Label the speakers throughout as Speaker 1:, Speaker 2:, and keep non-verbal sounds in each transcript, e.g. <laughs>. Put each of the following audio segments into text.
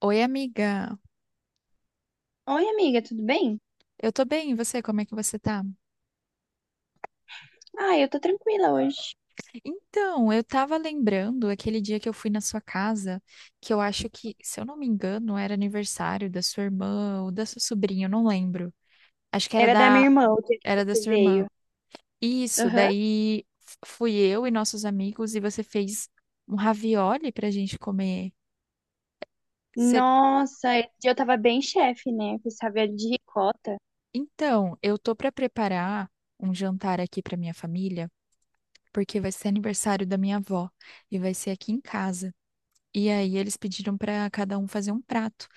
Speaker 1: Oi, amiga.
Speaker 2: Oi, amiga, tudo bem?
Speaker 1: Eu tô bem, e você? Como é que você tá?
Speaker 2: Ah, eu tô tranquila hoje.
Speaker 1: Então, eu tava lembrando aquele dia que eu fui na sua casa, que eu acho que, se eu não me engano, era aniversário da sua irmã ou da sua sobrinha, eu não lembro. Acho que era
Speaker 2: Era da minha
Speaker 1: da,
Speaker 2: irmã o dia que
Speaker 1: era da
Speaker 2: você
Speaker 1: sua irmã.
Speaker 2: veio.
Speaker 1: Isso,
Speaker 2: Aham.
Speaker 1: daí fui eu e nossos amigos e você fez um ravioli pra gente comer. Cê-
Speaker 2: Nossa, esse dia eu tava bem chefe, né? Com essa velha de ricota.
Speaker 1: Então, eu tô pra preparar um jantar aqui pra minha família, porque vai ser aniversário da minha avó e vai ser aqui em casa. E aí eles pediram para cada um fazer um prato.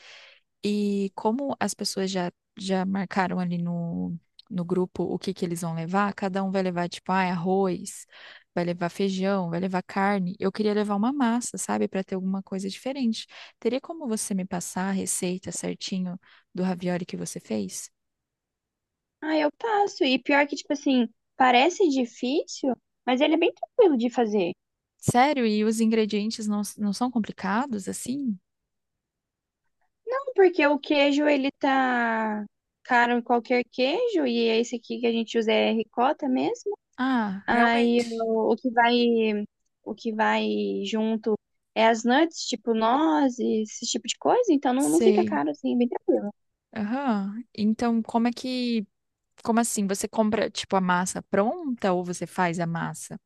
Speaker 1: E como as pessoas já marcaram ali no grupo o que que eles vão levar, cada um vai levar, tipo, ah, é arroz, vai levar feijão, vai levar carne. Eu queria levar uma massa, sabe, para ter alguma coisa diferente. Teria como você me passar a receita certinho do ravioli que você fez?
Speaker 2: Ah, eu passo. E pior que, tipo assim, parece difícil, mas ele é bem tranquilo de fazer.
Speaker 1: Sério? E os ingredientes não são complicados assim?
Speaker 2: Não, porque o queijo, ele tá caro em qualquer queijo, e esse aqui que a gente usa é ricota mesmo.
Speaker 1: Ah,
Speaker 2: Aí
Speaker 1: realmente.
Speaker 2: o que vai junto é as nuts, tipo nozes, esse tipo de coisa, então não fica
Speaker 1: Sei.
Speaker 2: caro assim, é bem tranquilo.
Speaker 1: Aham. Então, como é que como assim? Você compra, tipo, a massa pronta ou você faz a massa?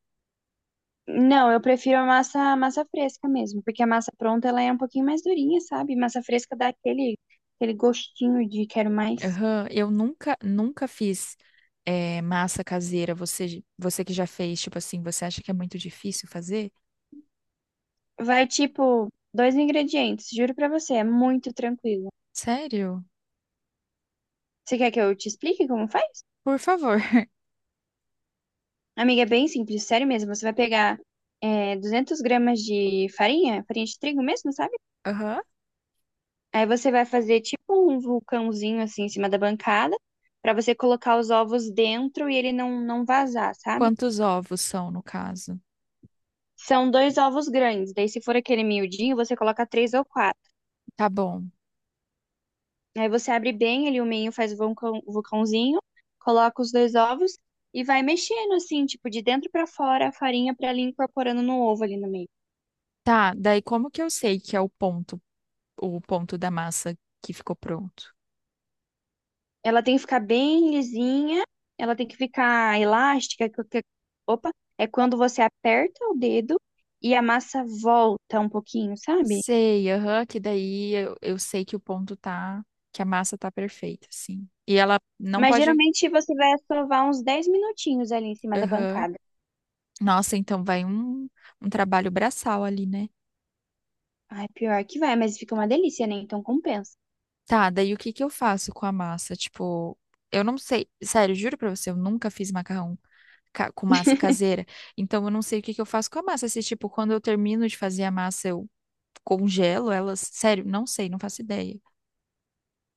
Speaker 2: Não, eu prefiro a massa fresca mesmo, porque a massa pronta ela é um pouquinho mais durinha, sabe? Massa fresca dá aquele gostinho de quero mais.
Speaker 1: Aham, eu nunca fiz massa caseira. Você que já fez, tipo assim, você acha que é muito difícil fazer?
Speaker 2: Vai tipo dois ingredientes, juro pra você, é muito tranquilo.
Speaker 1: Sério?
Speaker 2: Você quer que eu te explique como faz?
Speaker 1: Por favor.
Speaker 2: Amiga, é bem simples, sério mesmo. Você vai pegar 200 gramas de farinha, farinha de trigo mesmo, sabe?
Speaker 1: <laughs> Aham.
Speaker 2: Aí você vai fazer tipo um vulcãozinho assim em cima da bancada, pra você colocar os ovos dentro e ele não vazar, sabe?
Speaker 1: Quantos ovos são, no caso?
Speaker 2: São dois ovos grandes, daí se for aquele miudinho, você coloca três ou quatro.
Speaker 1: Tá bom.
Speaker 2: Aí você abre bem ele, o meio faz o vulcão, o vulcãozinho, coloca os dois ovos e vai mexendo assim, tipo de dentro pra fora a farinha pra ela ir incorporando no ovo ali no meio.
Speaker 1: Tá, daí como que eu sei que é o ponto da massa que ficou pronto?
Speaker 2: Ela tem que ficar bem lisinha, ela tem que ficar elástica, opa, é quando você aperta o dedo e a massa volta um pouquinho, sabe?
Speaker 1: Sei, aham, que daí eu sei que o ponto tá, que a massa tá perfeita, sim. E ela não
Speaker 2: Mas
Speaker 1: pode.
Speaker 2: geralmente você vai sovar uns 10 minutinhos ali em cima da
Speaker 1: Aham.
Speaker 2: bancada.
Speaker 1: Nossa, então vai um trabalho braçal ali, né?
Speaker 2: Ai, pior que vai, mas fica uma delícia, né? Então compensa.
Speaker 1: Tá, daí o que que eu faço com a massa? Tipo, eu não sei, sério, juro pra você, eu nunca fiz macarrão com massa caseira, então eu não sei o que que eu faço com a massa. Se, tipo, quando eu termino de fazer a massa, eu congelo elas, sério, não sei, não faço ideia.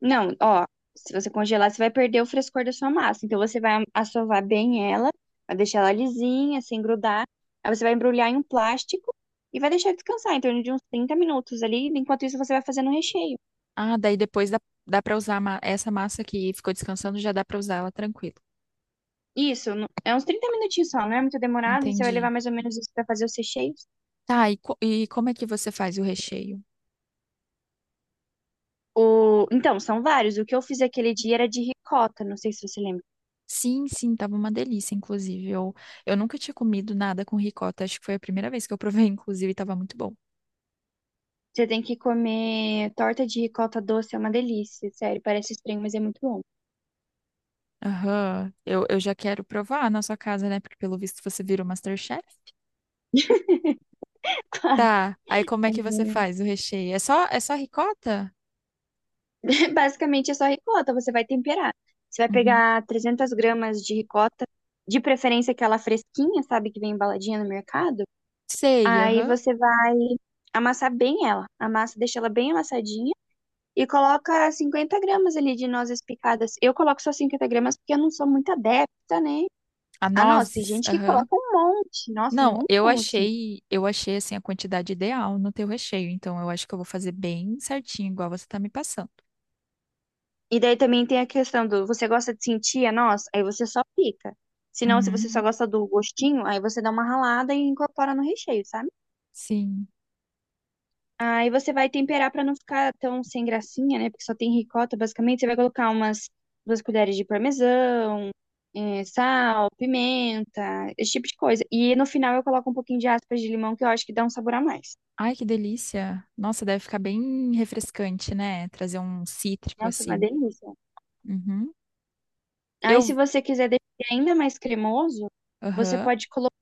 Speaker 2: Não, ó, se você congelar, você vai perder o frescor da sua massa. Então você vai assovar bem ela, vai deixar ela lisinha, sem grudar. Aí você vai embrulhar em um plástico e vai deixar descansar em torno de uns 30 minutos ali. Enquanto isso, você vai fazendo o recheio.
Speaker 1: Ah, daí depois dá pra usar a essa massa que ficou descansando, já dá pra usar ela tranquilo.
Speaker 2: Isso, no- é uns 30 minutinhos só, não é muito demorado. E você vai
Speaker 1: Entendi.
Speaker 2: levar mais ou menos isso pra fazer os recheios.
Speaker 1: Tá, e como é que você faz o recheio?
Speaker 2: O... Então, são vários. O que eu fiz aquele dia era de ricota, não sei se você lembra.
Speaker 1: Sim, sim, tava uma delícia, inclusive. Eu nunca tinha comido nada com ricota, acho que foi a primeira vez que eu provei, <laughs> inclusive, e tava muito bom.
Speaker 2: Você tem que comer torta de ricota doce, é uma delícia, sério. Parece estranho, mas é muito bom.
Speaker 1: Aham, eu já quero provar na sua casa, né? Porque pelo visto você vira o MasterChef.
Speaker 2: <laughs>
Speaker 1: Tá, aí como é
Speaker 2: É
Speaker 1: que você faz o recheio? É só ricota?
Speaker 2: É, basicamente é só ricota, você vai temperar. Você vai
Speaker 1: Uhum.
Speaker 2: pegar 300 gramas de ricota, de preferência aquela fresquinha, sabe, que vem embaladinha no mercado.
Speaker 1: Sei,
Speaker 2: Aí
Speaker 1: aham.
Speaker 2: você vai amassar bem ela. Amassa, deixa ela bem amassadinha e coloca 50 gramas ali de nozes picadas. Eu coloco só 50 gramas porque eu não sou muito adepta, né?
Speaker 1: A
Speaker 2: Ah, nossa, tem
Speaker 1: nozes,
Speaker 2: gente que
Speaker 1: aham.
Speaker 2: coloca um monte. Nossa, um
Speaker 1: Não, eu
Speaker 2: montão, assim.
Speaker 1: achei, eu achei assim a quantidade ideal no teu recheio, então eu acho que eu vou fazer bem certinho, igual você tá me passando.
Speaker 2: E daí também tem a questão do você gosta de sentir a noz? Aí você só pica. Se não, se você só
Speaker 1: Uhum.
Speaker 2: gosta do gostinho, aí você dá uma ralada e incorpora no recheio, sabe?
Speaker 1: Sim.
Speaker 2: Aí você vai temperar pra não ficar tão sem gracinha, né? Porque só tem ricota, basicamente. Você vai colocar umas duas colheres de parmesão, sal, pimenta, esse tipo de coisa. E no final eu coloco um pouquinho de aspas de limão, que eu acho que dá um sabor a mais.
Speaker 1: Ai, que delícia. Nossa, deve ficar bem refrescante, né? Trazer um cítrico
Speaker 2: Nossa, uma
Speaker 1: assim.
Speaker 2: delícia.
Speaker 1: Uhum.
Speaker 2: Aí, se
Speaker 1: Eu.
Speaker 2: você quiser deixar ele ainda mais cremoso, você
Speaker 1: Aham.
Speaker 2: pode colocar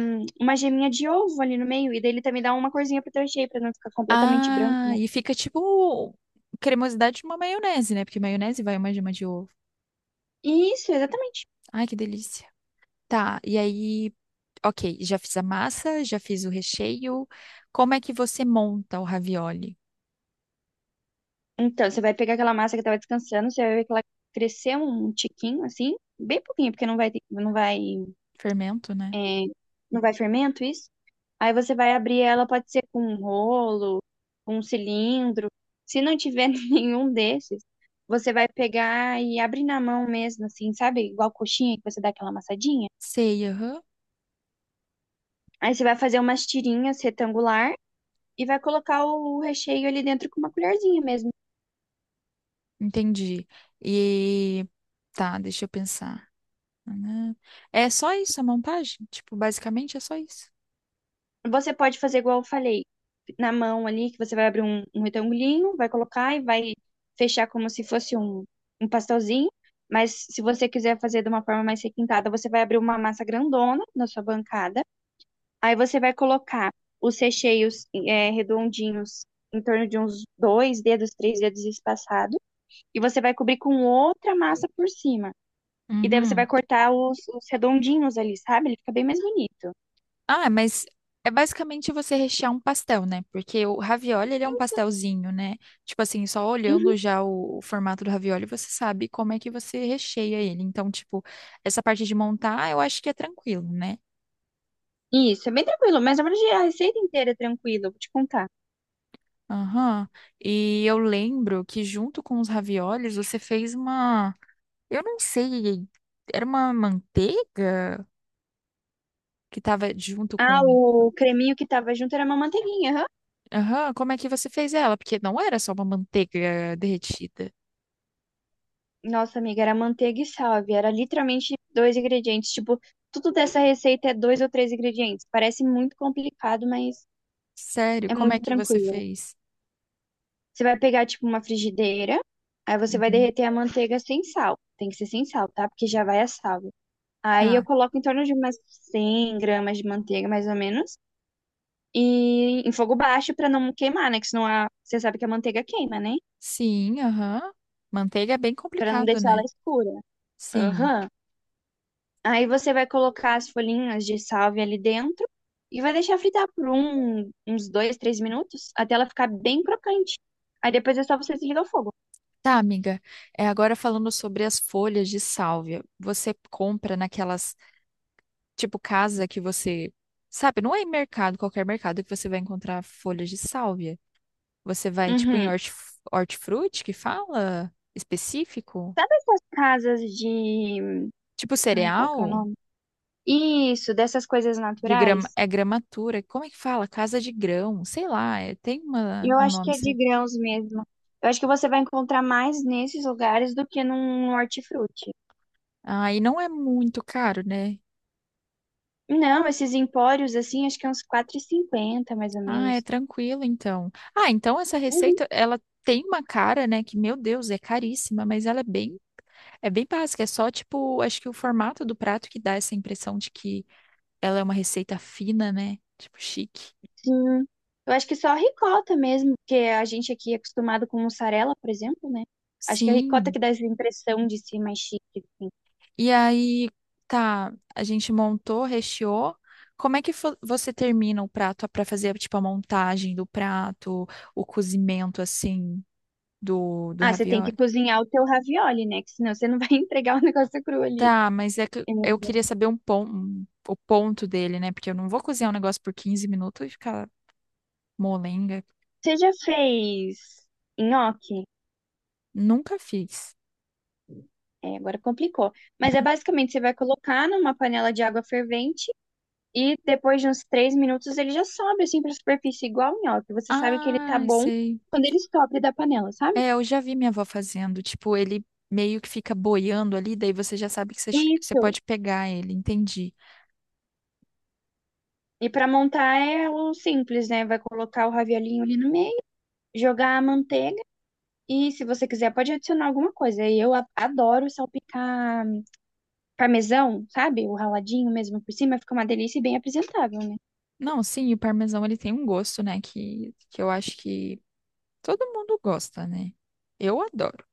Speaker 2: uma geminha de ovo ali no meio, e daí ele também dá uma corzinha pro teu recheio, pra não ficar completamente branco,
Speaker 1: Ah,
Speaker 2: né?
Speaker 1: e fica tipo cremosidade de uma maionese, né? Porque maionese vai uma gema de ovo.
Speaker 2: Isso, exatamente.
Speaker 1: Ai, que delícia. Tá, e aí, ok, já fiz a massa, já fiz o recheio. Como é que você monta o ravioli?
Speaker 2: Então, você vai pegar aquela massa que tava descansando, você vai ver que ela cresceu um tiquinho, assim, bem pouquinho, porque não vai,
Speaker 1: Fermento, né?
Speaker 2: é, não vai fermento, isso. Aí você vai abrir ela, pode ser com um rolo, com um cilindro. Se não tiver <laughs> nenhum desses, você vai pegar e abrir na mão mesmo, assim, sabe? Igual coxinha que você dá aquela amassadinha.
Speaker 1: Sei, aham.
Speaker 2: Aí você vai fazer umas tirinhas retangular e vai colocar o recheio ali dentro com uma colherzinha mesmo.
Speaker 1: Entendi. E tá, deixa eu pensar. Ah, é só isso a montagem? Tipo, basicamente é só isso.
Speaker 2: Você pode fazer igual eu falei, na mão ali, que você vai abrir um, um retangulinho, vai colocar e vai fechar como se fosse um, um pastelzinho. Mas se você quiser fazer de uma forma mais requintada, você vai abrir uma massa grandona na sua bancada. Aí você vai colocar os recheios redondinhos em torno de uns dois dedos, três dedos espaçados. E você vai cobrir com outra massa por cima. E daí você vai
Speaker 1: Uhum.
Speaker 2: cortar os redondinhos ali, sabe? Ele fica bem mais bonito.
Speaker 1: Ah, mas é basicamente você rechear um pastel, né? Porque o ravioli, ele é um
Speaker 2: Isso.
Speaker 1: pastelzinho, né? Tipo assim, só
Speaker 2: Uhum.
Speaker 1: olhando já o formato do ravioli, você sabe como é que você recheia ele. Então, tipo, essa parte de montar, eu acho que é tranquilo, né?
Speaker 2: Isso, é bem tranquilo, mas na verdade a receita inteira é tranquila, eu vou te contar.
Speaker 1: Aham. E eu lembro que junto com os raviolis, você fez uma... Eu não sei, era uma manteiga que tava junto
Speaker 2: Ah,
Speaker 1: com.
Speaker 2: o creminho que tava junto era uma manteiguinha, aham.
Speaker 1: Aham, como é que você fez ela? Porque não era só uma manteiga derretida.
Speaker 2: Nossa, amiga, era manteiga e salve, era literalmente dois ingredientes, tipo, tudo dessa receita é dois ou três ingredientes. Parece muito complicado, mas
Speaker 1: Sério,
Speaker 2: é
Speaker 1: como é
Speaker 2: muito
Speaker 1: que você
Speaker 2: tranquilo.
Speaker 1: fez?
Speaker 2: Você vai pegar, tipo, uma frigideira, aí você vai
Speaker 1: Uhum.
Speaker 2: derreter a manteiga sem sal. Tem que ser sem sal, tá? Porque já vai a salve. Aí eu
Speaker 1: Tá.
Speaker 2: coloco em torno de umas 100 gramas de manteiga, mais ou menos. E em fogo baixo pra não queimar, né? Que senão a, você sabe que a manteiga queima, né?
Speaker 1: Sim, aham. Manteiga é bem
Speaker 2: Pra não
Speaker 1: complicado,
Speaker 2: deixar ela
Speaker 1: né?
Speaker 2: escura.
Speaker 1: Sim.
Speaker 2: Aham. Aí você vai colocar as folhinhas de salvia ali dentro e vai deixar fritar por uns dois, três minutos até ela ficar bem crocante. Aí depois é só você desligar o fogo.
Speaker 1: Tá, amiga. É, agora falando sobre as folhas de sálvia, você compra naquelas, tipo, casa que você, sabe, não é em mercado, qualquer mercado que você vai encontrar folhas de sálvia. Você vai tipo em
Speaker 2: Uhum.
Speaker 1: hortifruti que fala específico?
Speaker 2: Sabe essas casas de.
Speaker 1: Tipo
Speaker 2: Ai, qual que é o
Speaker 1: cereal?
Speaker 2: nome? Isso, dessas coisas
Speaker 1: De grama,
Speaker 2: naturais?
Speaker 1: é gramatura. Como é que fala? Casa de grão. Sei lá, tem uma,
Speaker 2: Eu
Speaker 1: um
Speaker 2: acho que
Speaker 1: nome
Speaker 2: é de
Speaker 1: certo.
Speaker 2: grãos mesmo. Eu acho que você vai encontrar mais nesses lugares do que num hortifruti.
Speaker 1: Ah, e não é muito caro, né?
Speaker 2: Não, esses empórios, assim, acho que é uns quatro e cinquenta, mais ou
Speaker 1: Ah, é
Speaker 2: menos.
Speaker 1: tranquilo então. Ah, então essa
Speaker 2: Uhum,
Speaker 1: receita, ela tem uma cara, né? Que, meu Deus, é caríssima, mas ela é bem, básica. É só, tipo, acho que o formato do prato que dá essa impressão de que ela é uma receita fina, né? Tipo, chique.
Speaker 2: sim. Eu acho que só a ricota mesmo, porque a gente aqui é acostumado com mussarela, por exemplo, né? Acho que é a ricota
Speaker 1: Sim.
Speaker 2: que dá essa impressão de ser mais chique, assim.
Speaker 1: E aí, tá, a gente montou, recheou. Como é que você termina o prato pra fazer, tipo, a montagem do prato, o cozimento, assim, do
Speaker 2: Ah, você tem que
Speaker 1: ravioli?
Speaker 2: cozinhar o teu ravioli, né? Que senão você não vai <laughs> entregar o negócio cru ali.
Speaker 1: Tá, mas é que
Speaker 2: É.
Speaker 1: eu queria saber o ponto dele, né? Porque eu não vou cozinhar um negócio por 15 minutos e ficar molenga.
Speaker 2: Você já fez nhoque?
Speaker 1: Nunca fiz.
Speaker 2: É, agora complicou. Mas é basicamente, você vai colocar numa panela de água fervente e depois de uns três minutos ele já sobe assim pra superfície, igual o nhoque. Você sabe que ele tá
Speaker 1: Ah,
Speaker 2: bom
Speaker 1: sei.
Speaker 2: quando ele sobe da panela, sabe?
Speaker 1: É, eu já vi minha avó fazendo. Tipo, ele meio que fica boiando ali, daí você já sabe que você
Speaker 2: Isso.
Speaker 1: pode pegar ele. Entendi.
Speaker 2: E pra montar é o simples, né? Vai colocar o raviolinho ali no meio, jogar a manteiga e se você quiser pode adicionar alguma coisa. E eu adoro salpicar parmesão, sabe? O raladinho mesmo por cima, fica uma delícia e bem apresentável, né?
Speaker 1: Não, sim, o parmesão ele tem um gosto, né, que eu acho que todo mundo gosta, né? Eu adoro.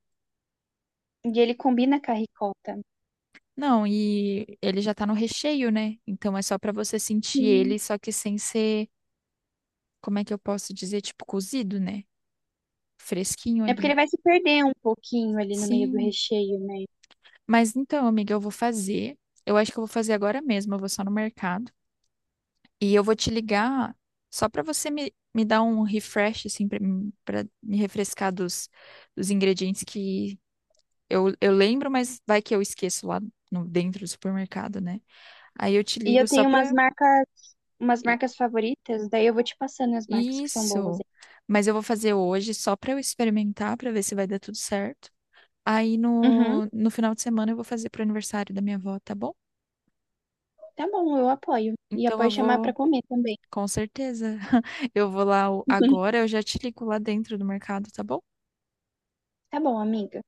Speaker 2: E ele combina com a ricota.
Speaker 1: Não, e ele já tá no recheio, né? Então é só pra você sentir
Speaker 2: Sim.
Speaker 1: ele, só que sem ser, como é que eu posso dizer, tipo cozido, né? Fresquinho
Speaker 2: É porque
Speaker 1: ali.
Speaker 2: ele vai se perder um pouquinho ali no meio do
Speaker 1: Sim.
Speaker 2: recheio, né?
Speaker 1: Mas então, amiga, eu vou fazer. Eu acho que eu vou fazer agora mesmo, eu vou só no mercado. E eu vou te ligar só pra você me dar um refresh, assim, pra me refrescar dos ingredientes que. Eu lembro, mas vai que eu esqueço lá no, dentro do supermercado, né? Aí eu te
Speaker 2: E
Speaker 1: ligo
Speaker 2: eu
Speaker 1: só
Speaker 2: tenho
Speaker 1: pra.
Speaker 2: umas
Speaker 1: I-
Speaker 2: marcas favoritas, daí eu vou te passando as marcas que são boas.
Speaker 1: Isso. Mas eu vou fazer hoje só pra eu experimentar, pra ver se vai dar tudo certo. Aí
Speaker 2: Aí. Uhum,
Speaker 1: no final de semana eu vou fazer pro aniversário da minha avó, tá bom?
Speaker 2: tá bom, eu apoio. E
Speaker 1: Então
Speaker 2: apoio
Speaker 1: eu
Speaker 2: chamar
Speaker 1: vou,
Speaker 2: pra comer também.
Speaker 1: com certeza. <laughs> Eu vou lá agora,
Speaker 2: <laughs>
Speaker 1: eu já te ligo lá dentro do mercado, tá bom?
Speaker 2: Tá bom, amiga.